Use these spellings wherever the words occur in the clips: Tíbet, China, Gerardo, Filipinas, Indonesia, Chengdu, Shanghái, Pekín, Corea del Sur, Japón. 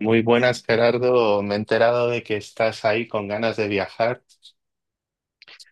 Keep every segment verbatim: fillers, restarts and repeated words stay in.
Muy buenas, Gerardo. Me he enterado de que estás ahí con ganas de viajar.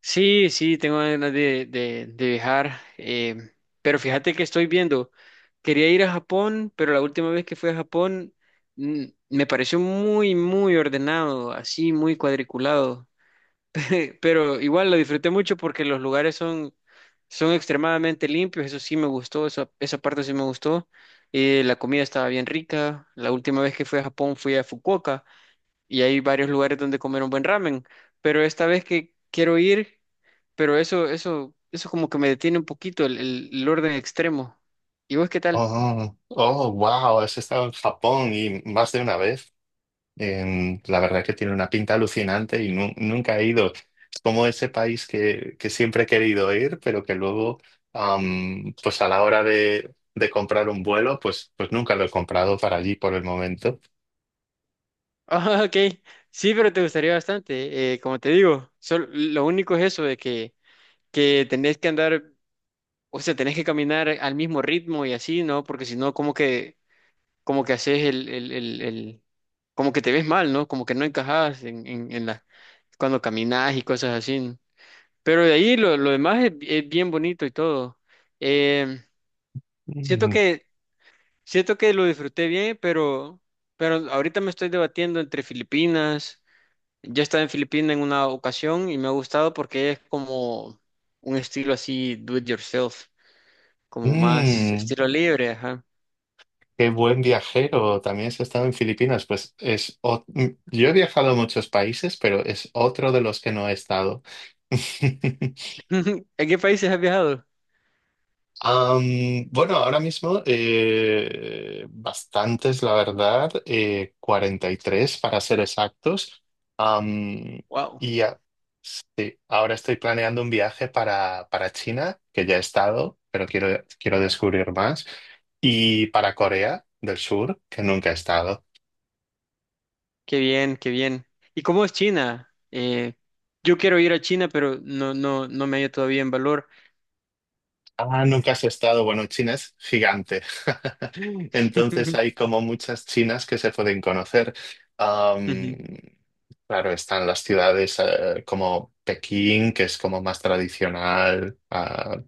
Sí, sí, tengo ganas de, de- de viajar, em, pero fíjate que estoy viendo, quería ir a Japón, pero la última vez que fui a Japón mm, me pareció muy, muy ordenado, así, muy cuadriculado, pero igual lo disfruté mucho porque los lugares son, son extremadamente limpios, eso sí me gustó, esa, esa parte sí me gustó, eh, la comida estaba bien rica, la última vez que fui a Japón fui a Fukuoka y hay varios lugares donde comer un buen ramen, pero esta vez que quiero ir, pero eso, eso, eso como que me detiene un poquito el, el- el orden extremo. ¿Y vos qué tal? Oh, oh, wow, has estado en Japón y más de una vez. Em, la verdad que tiene una pinta alucinante y nu- nunca he ido. Es como ese país que, que siempre he querido ir, pero que luego, am, pues a la hora de, de comprar un vuelo, pues, pues nunca lo he comprado para allí por el momento. Ah, ok, sí, pero te gustaría bastante, eh, como te digo, sol- lo único es eso de que, que tenés que andar, o sea, tenés que caminar al mismo ritmo y así, ¿no? Porque si no, como que, como que haces el, el, el, el- como que te ves mal, ¿no? Como que no encajas en, en, en la, cuando caminas y cosas así. ¿No? Pero de ahí lo, lo demás es, es bien bonito y todo. Em, siento Mm, que, siento que lo disfruté bien, pero, pero ahorita me estoy debatiendo entre Filipinas. Yo he estado en Filipinas en una ocasión y me ha gustado porque es como un estilo así, do it yourself, como más mm. estilo libre, ajá. Qué buen viajero. También has estado en Filipinas. Pues es ot- mm, yo he viajado a muchos países, pero es otro de los que no he estado. ¿En qué países has viajado? Am, bueno, ahora mismo eh, bastantes, la verdad, eh, cuarenta y tres para ser exactos. Am, Wow, y a- sí, ahora estoy planeando un viaje para, para China, que ya he estado, pero quiero, quiero descubrir más, y para Corea del Sur, que nunca he estado. qué bien, qué bien. ¿Y cómo es China? Eh, yo quiero ir a China, pero no, no, no me hallo todavía en valor. Ah, nunca has estado. Bueno, China es gigante. Entonces hay como muchas chinas que se pueden conocer. Am, Ujú. claro, están las ciudades eh, como Pekín, que es como más tradicional, ah,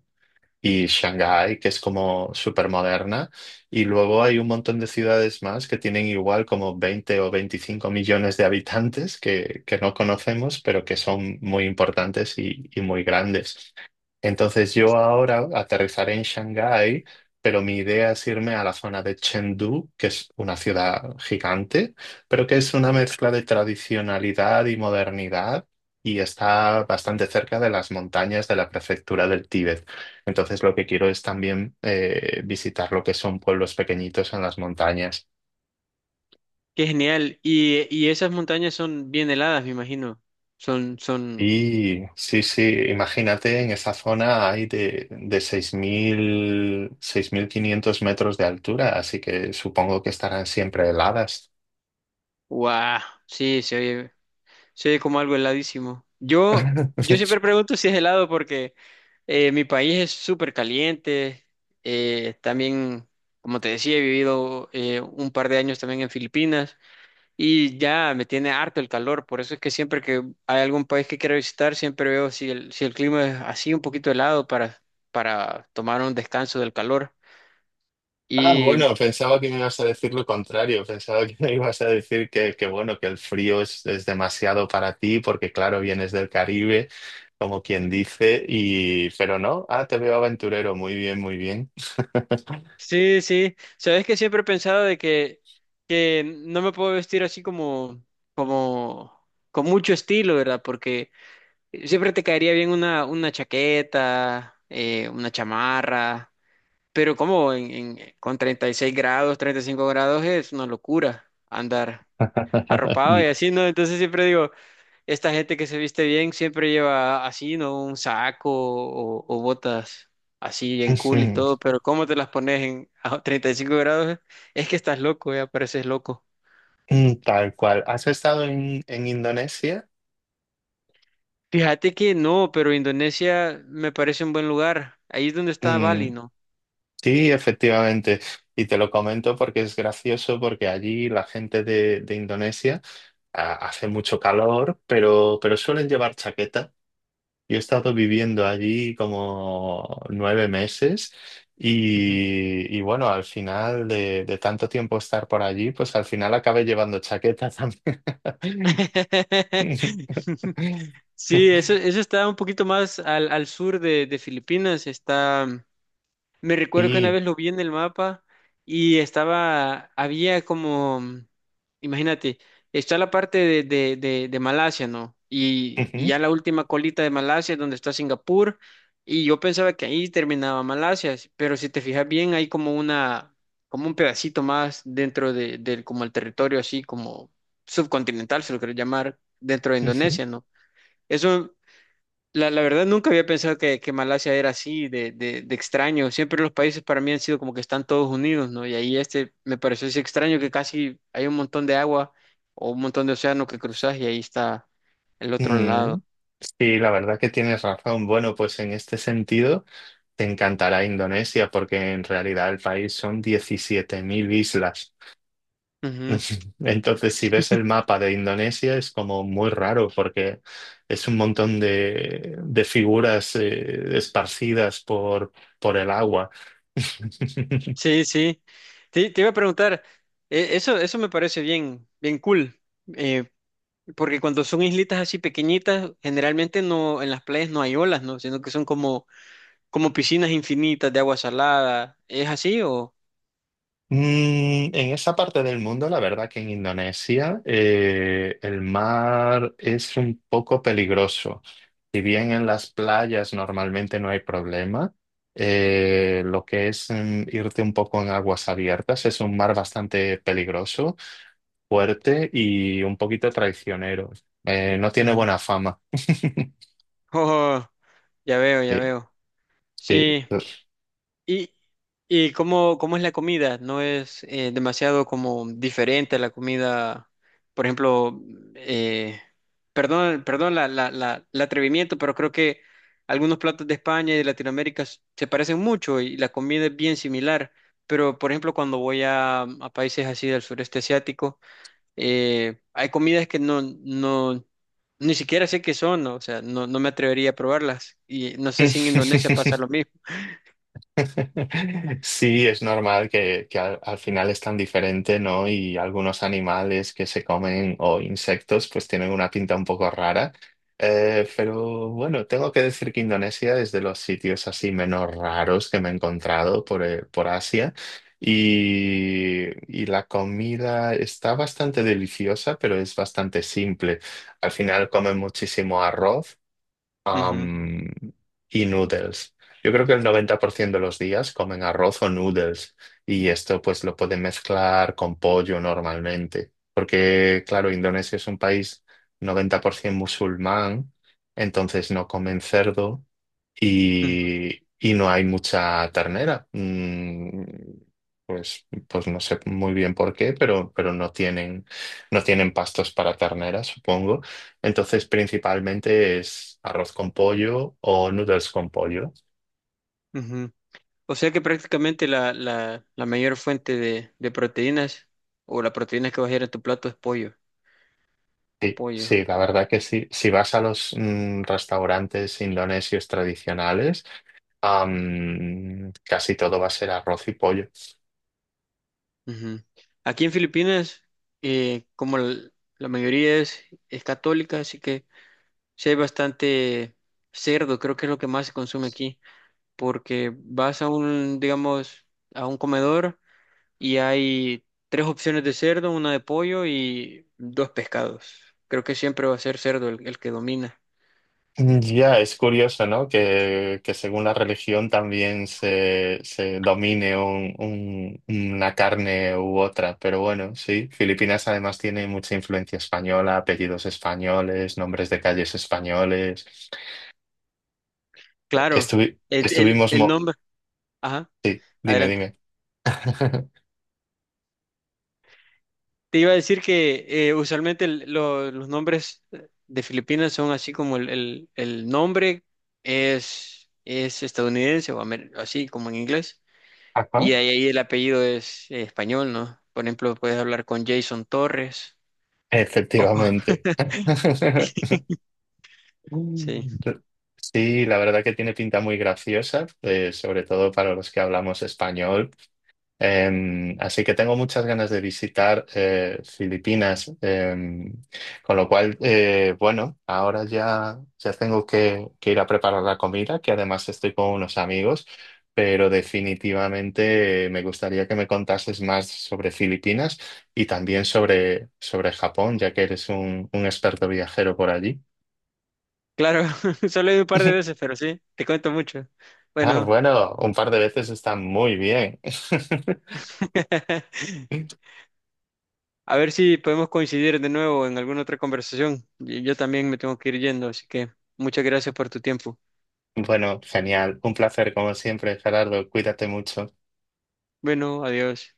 y Shanghái, que es como súper moderna. Y luego hay un montón de ciudades más que tienen igual como veinte o veinticinco millones de habitantes que, que no conocemos, pero que son muy importantes y y muy grandes. Entonces yo ahora aterrizaré en Shanghái, pero mi idea es irme a la zona de Chengdu, que es una ciudad gigante, pero que es una mezcla de tradicionalidad y modernidad y está bastante cerca de las montañas de la prefectura del Tíbet. Entonces lo que quiero es también eh, visitar lo que son pueblos pequeñitos en las montañas. Qué genial. Y, y esas montañas son bien heladas, me imagino. Son, son, Y sí, sí, imagínate en esa zona hay de, de seis seis mil seis mil quinientos metros de altura, así que supongo que estarán siempre heladas. guau. Sí, se oye, se oye como algo heladísimo. Yo, yo siempre pregunto si es helado porque eh, mi país es súper caliente. Eh, también, como te decía, he vivido eh, un par de años también en Filipinas y ya me tiene harto el calor. Por eso es que siempre que hay algún país que quiero visitar, siempre veo si el, si el clima es así un poquito helado para, para tomar un descanso del calor. Ah, Y bueno, pensaba que me ibas a decir lo contrario, pensaba que me ibas a decir que, que bueno, que el frío es, es demasiado para ti porque claro, vienes del Caribe, como quien dice, y pero no, ah, te veo aventurero, muy bien, muy bien. sí, sí. Sabes que siempre he pensado de que, que no me puedo vestir así como, como, con mucho estilo, ¿verdad? Porque siempre te caería bien una, una chaqueta, eh, una chamarra, pero como en, en- eh, con treinta y seis grados, treinta y cinco grados es una locura andar arropado y así, ¿no? Entonces siempre digo, esta gente que se viste bien siempre lleva así, ¿no? Un saco o, o botas así bien cool y todo, pero ¿cómo te las pones en a treinta y cinco grados? Es que estás loco, ya pareces loco. Tal cual. ¿Has estado en, en Indonesia? Fíjate que no, pero Indonesia me parece un buen lugar. Ahí es donde está Bali, Mm, ¿no? sí, efectivamente. Y te lo comento porque es gracioso, porque allí la gente de, de Indonesia ah, hace mucho calor, pero, pero suelen llevar chaqueta. Yo he estado viviendo allí como nueve meses Ujú. y, y bueno, al final de, de tanto tiempo estar por allí, pues al final acabé llevando chaqueta también. Sí, eso, eso está un poquito más al, al sur de, de Filipinas, está. Me recuerdo que una Sí. vez lo vi en el mapa y estaba, había como, imagínate, está la parte de, de, de, de Malasia, ¿no? Y, y Ujú, ya la última colita de Malasia es donde está Singapur y yo pensaba que ahí terminaba Malasia, pero si te fijas bien hay como una, como un pedacito más dentro de, del, como el territorio así como subcontinental, se lo quiero llamar, dentro de ujú. Indonesia, ¿no? Eso la, la verdad, nunca había pensado que, que Malasia era así, de, de, de extraño. Siempre los países para mí han sido como que están todos unidos, ¿no? Y ahí este me pareció así extraño que casi hay un montón de agua o un montón de océano que cruzas y ahí está el otro Mm, lado. sí, la verdad que tienes razón. Bueno, pues en este sentido te encantará Indonesia porque en realidad el país son diecisiete mil islas. Ujú. Entonces, si ves el mapa de Indonesia es como muy raro porque es un montón de, de figuras eh, esparcidas por, por el agua. Sí, sí. Te, te iba a preguntar, eh, eso, eso me parece bien, bien cool, eh, porque cuando son islitas así pequeñitas, generalmente no, en las playas no hay olas, ¿no? Sino que son como, como piscinas infinitas de agua salada. ¿Es así o...? Mm, en esa parte del mundo, la verdad que en Indonesia eh, el mar es un poco peligroso. Si bien en las playas normalmente no hay problema, eh, lo que es mm, irte un poco en aguas abiertas es un mar bastante peligroso, fuerte y un poquito traicionero. Eh, no tiene buena fama. Oh, ya veo, ya veo. Sí, Sí. ¿Y, y cómo, cómo es la comida? ¿No es eh, demasiado como diferente a la comida, por ejemplo, eh, perdón, perdón la, la, la, el atrevimiento, pero creo que algunos platos de España y de Latinoamérica s- se parecen mucho y la comida es bien similar. Pero, por ejemplo, cuando voy a, a países así del sureste asiático, eh, hay comidas que no, no, ni siquiera sé qué son, ¿no? O sea, no, no me atrevería a probarlas. Y no sé si en Indonesia sí. pasa lo mismo. Sí, es normal que, que al, al final es tan diferente, ¿no? Y algunos animales que se comen o insectos pues tienen una pinta un poco rara. Eh, pero bueno, tengo que decir que Indonesia es de los sitios así menos raros que me he encontrado por, eh, por Asia. Y, y la comida está bastante deliciosa, pero es bastante simple. Al final comen muchísimo arroz Ujú, am, y noodles. Yo creo que el noventa por ciento de los días comen arroz o noodles y esto pues lo pueden mezclar con pollo normalmente, porque claro, Indonesia es un país noventa por ciento musulmán, entonces no comen cerdo ujú, y, y no hay mucha ternera. Mm, Pues, pues no sé muy bien por qué, pero, pero no tienen, no tienen pastos para ternera, supongo. Entonces, principalmente es arroz con pollo o noodles con pollo. ujú. O sea que prácticamente la, la, la mayor fuente de, de proteínas o la proteína que va a ir en tu plato es pollo. Sí, Pollo. sí, la verdad que sí. Si vas a los mm, restaurantes indonesios tradicionales, am, casi todo va a ser arroz y pollo. Ujú. Aquí en Filipinas, eh, como l- la mayoría es, es católica, así que sí hay bastante cerdo, creo que es lo que más se consume aquí. Porque vas a un, digamos, a un comedor y hay tres opciones de cerdo, una de pollo y dos pescados. Creo que siempre va a ser cerdo el, el que domina. Ya, es curioso, ¿no? Que, que según la religión también se, se domine un- un- una carne u otra, pero bueno, sí, Filipinas además tiene mucha influencia española, apellidos españoles, nombres de calles españoles. Eh, Claro, Estuvi- el, el- estuvimos... el mo- nombre. Ajá, Sí, dime, adelante. dime. Te iba a decir que eh, usualmente el- lo- los nombres de Filipinas son así como el, el- el nombre es, es estadounidense o amer- así como en inglés. Ajá, Y ahí, ahí el apellido es eh, español, ¿no? Por ejemplo, puedes hablar con Jason Torres. Oh, efectivamente. sí, Mm. Sí, la verdad que tiene pinta muy graciosa, eh, sobre todo para los que hablamos español. Em, así que tengo muchas ganas de visitar eh, Filipinas, em, con lo cual, eh, bueno, ahora ya, ya tengo que, que ir a preparar la comida, que además estoy con unos amigos, pero definitivamente eh, me gustaría que me contases más sobre Filipinas y también sobre, sobre Japón, ya que eres un, un experto viajero por allí. claro, solo he ido un par de veces, pero sí, te cuento mucho. Ah, Bueno, bueno, un par de veces está muy bien. a ver si podemos coincidir de nuevo en alguna otra conversación. Y yo también me tengo que ir yendo, así que muchas gracias por tu tiempo. Bueno, genial. Un placer, como siempre, Gerardo. Cuídate mucho. Bueno, adiós.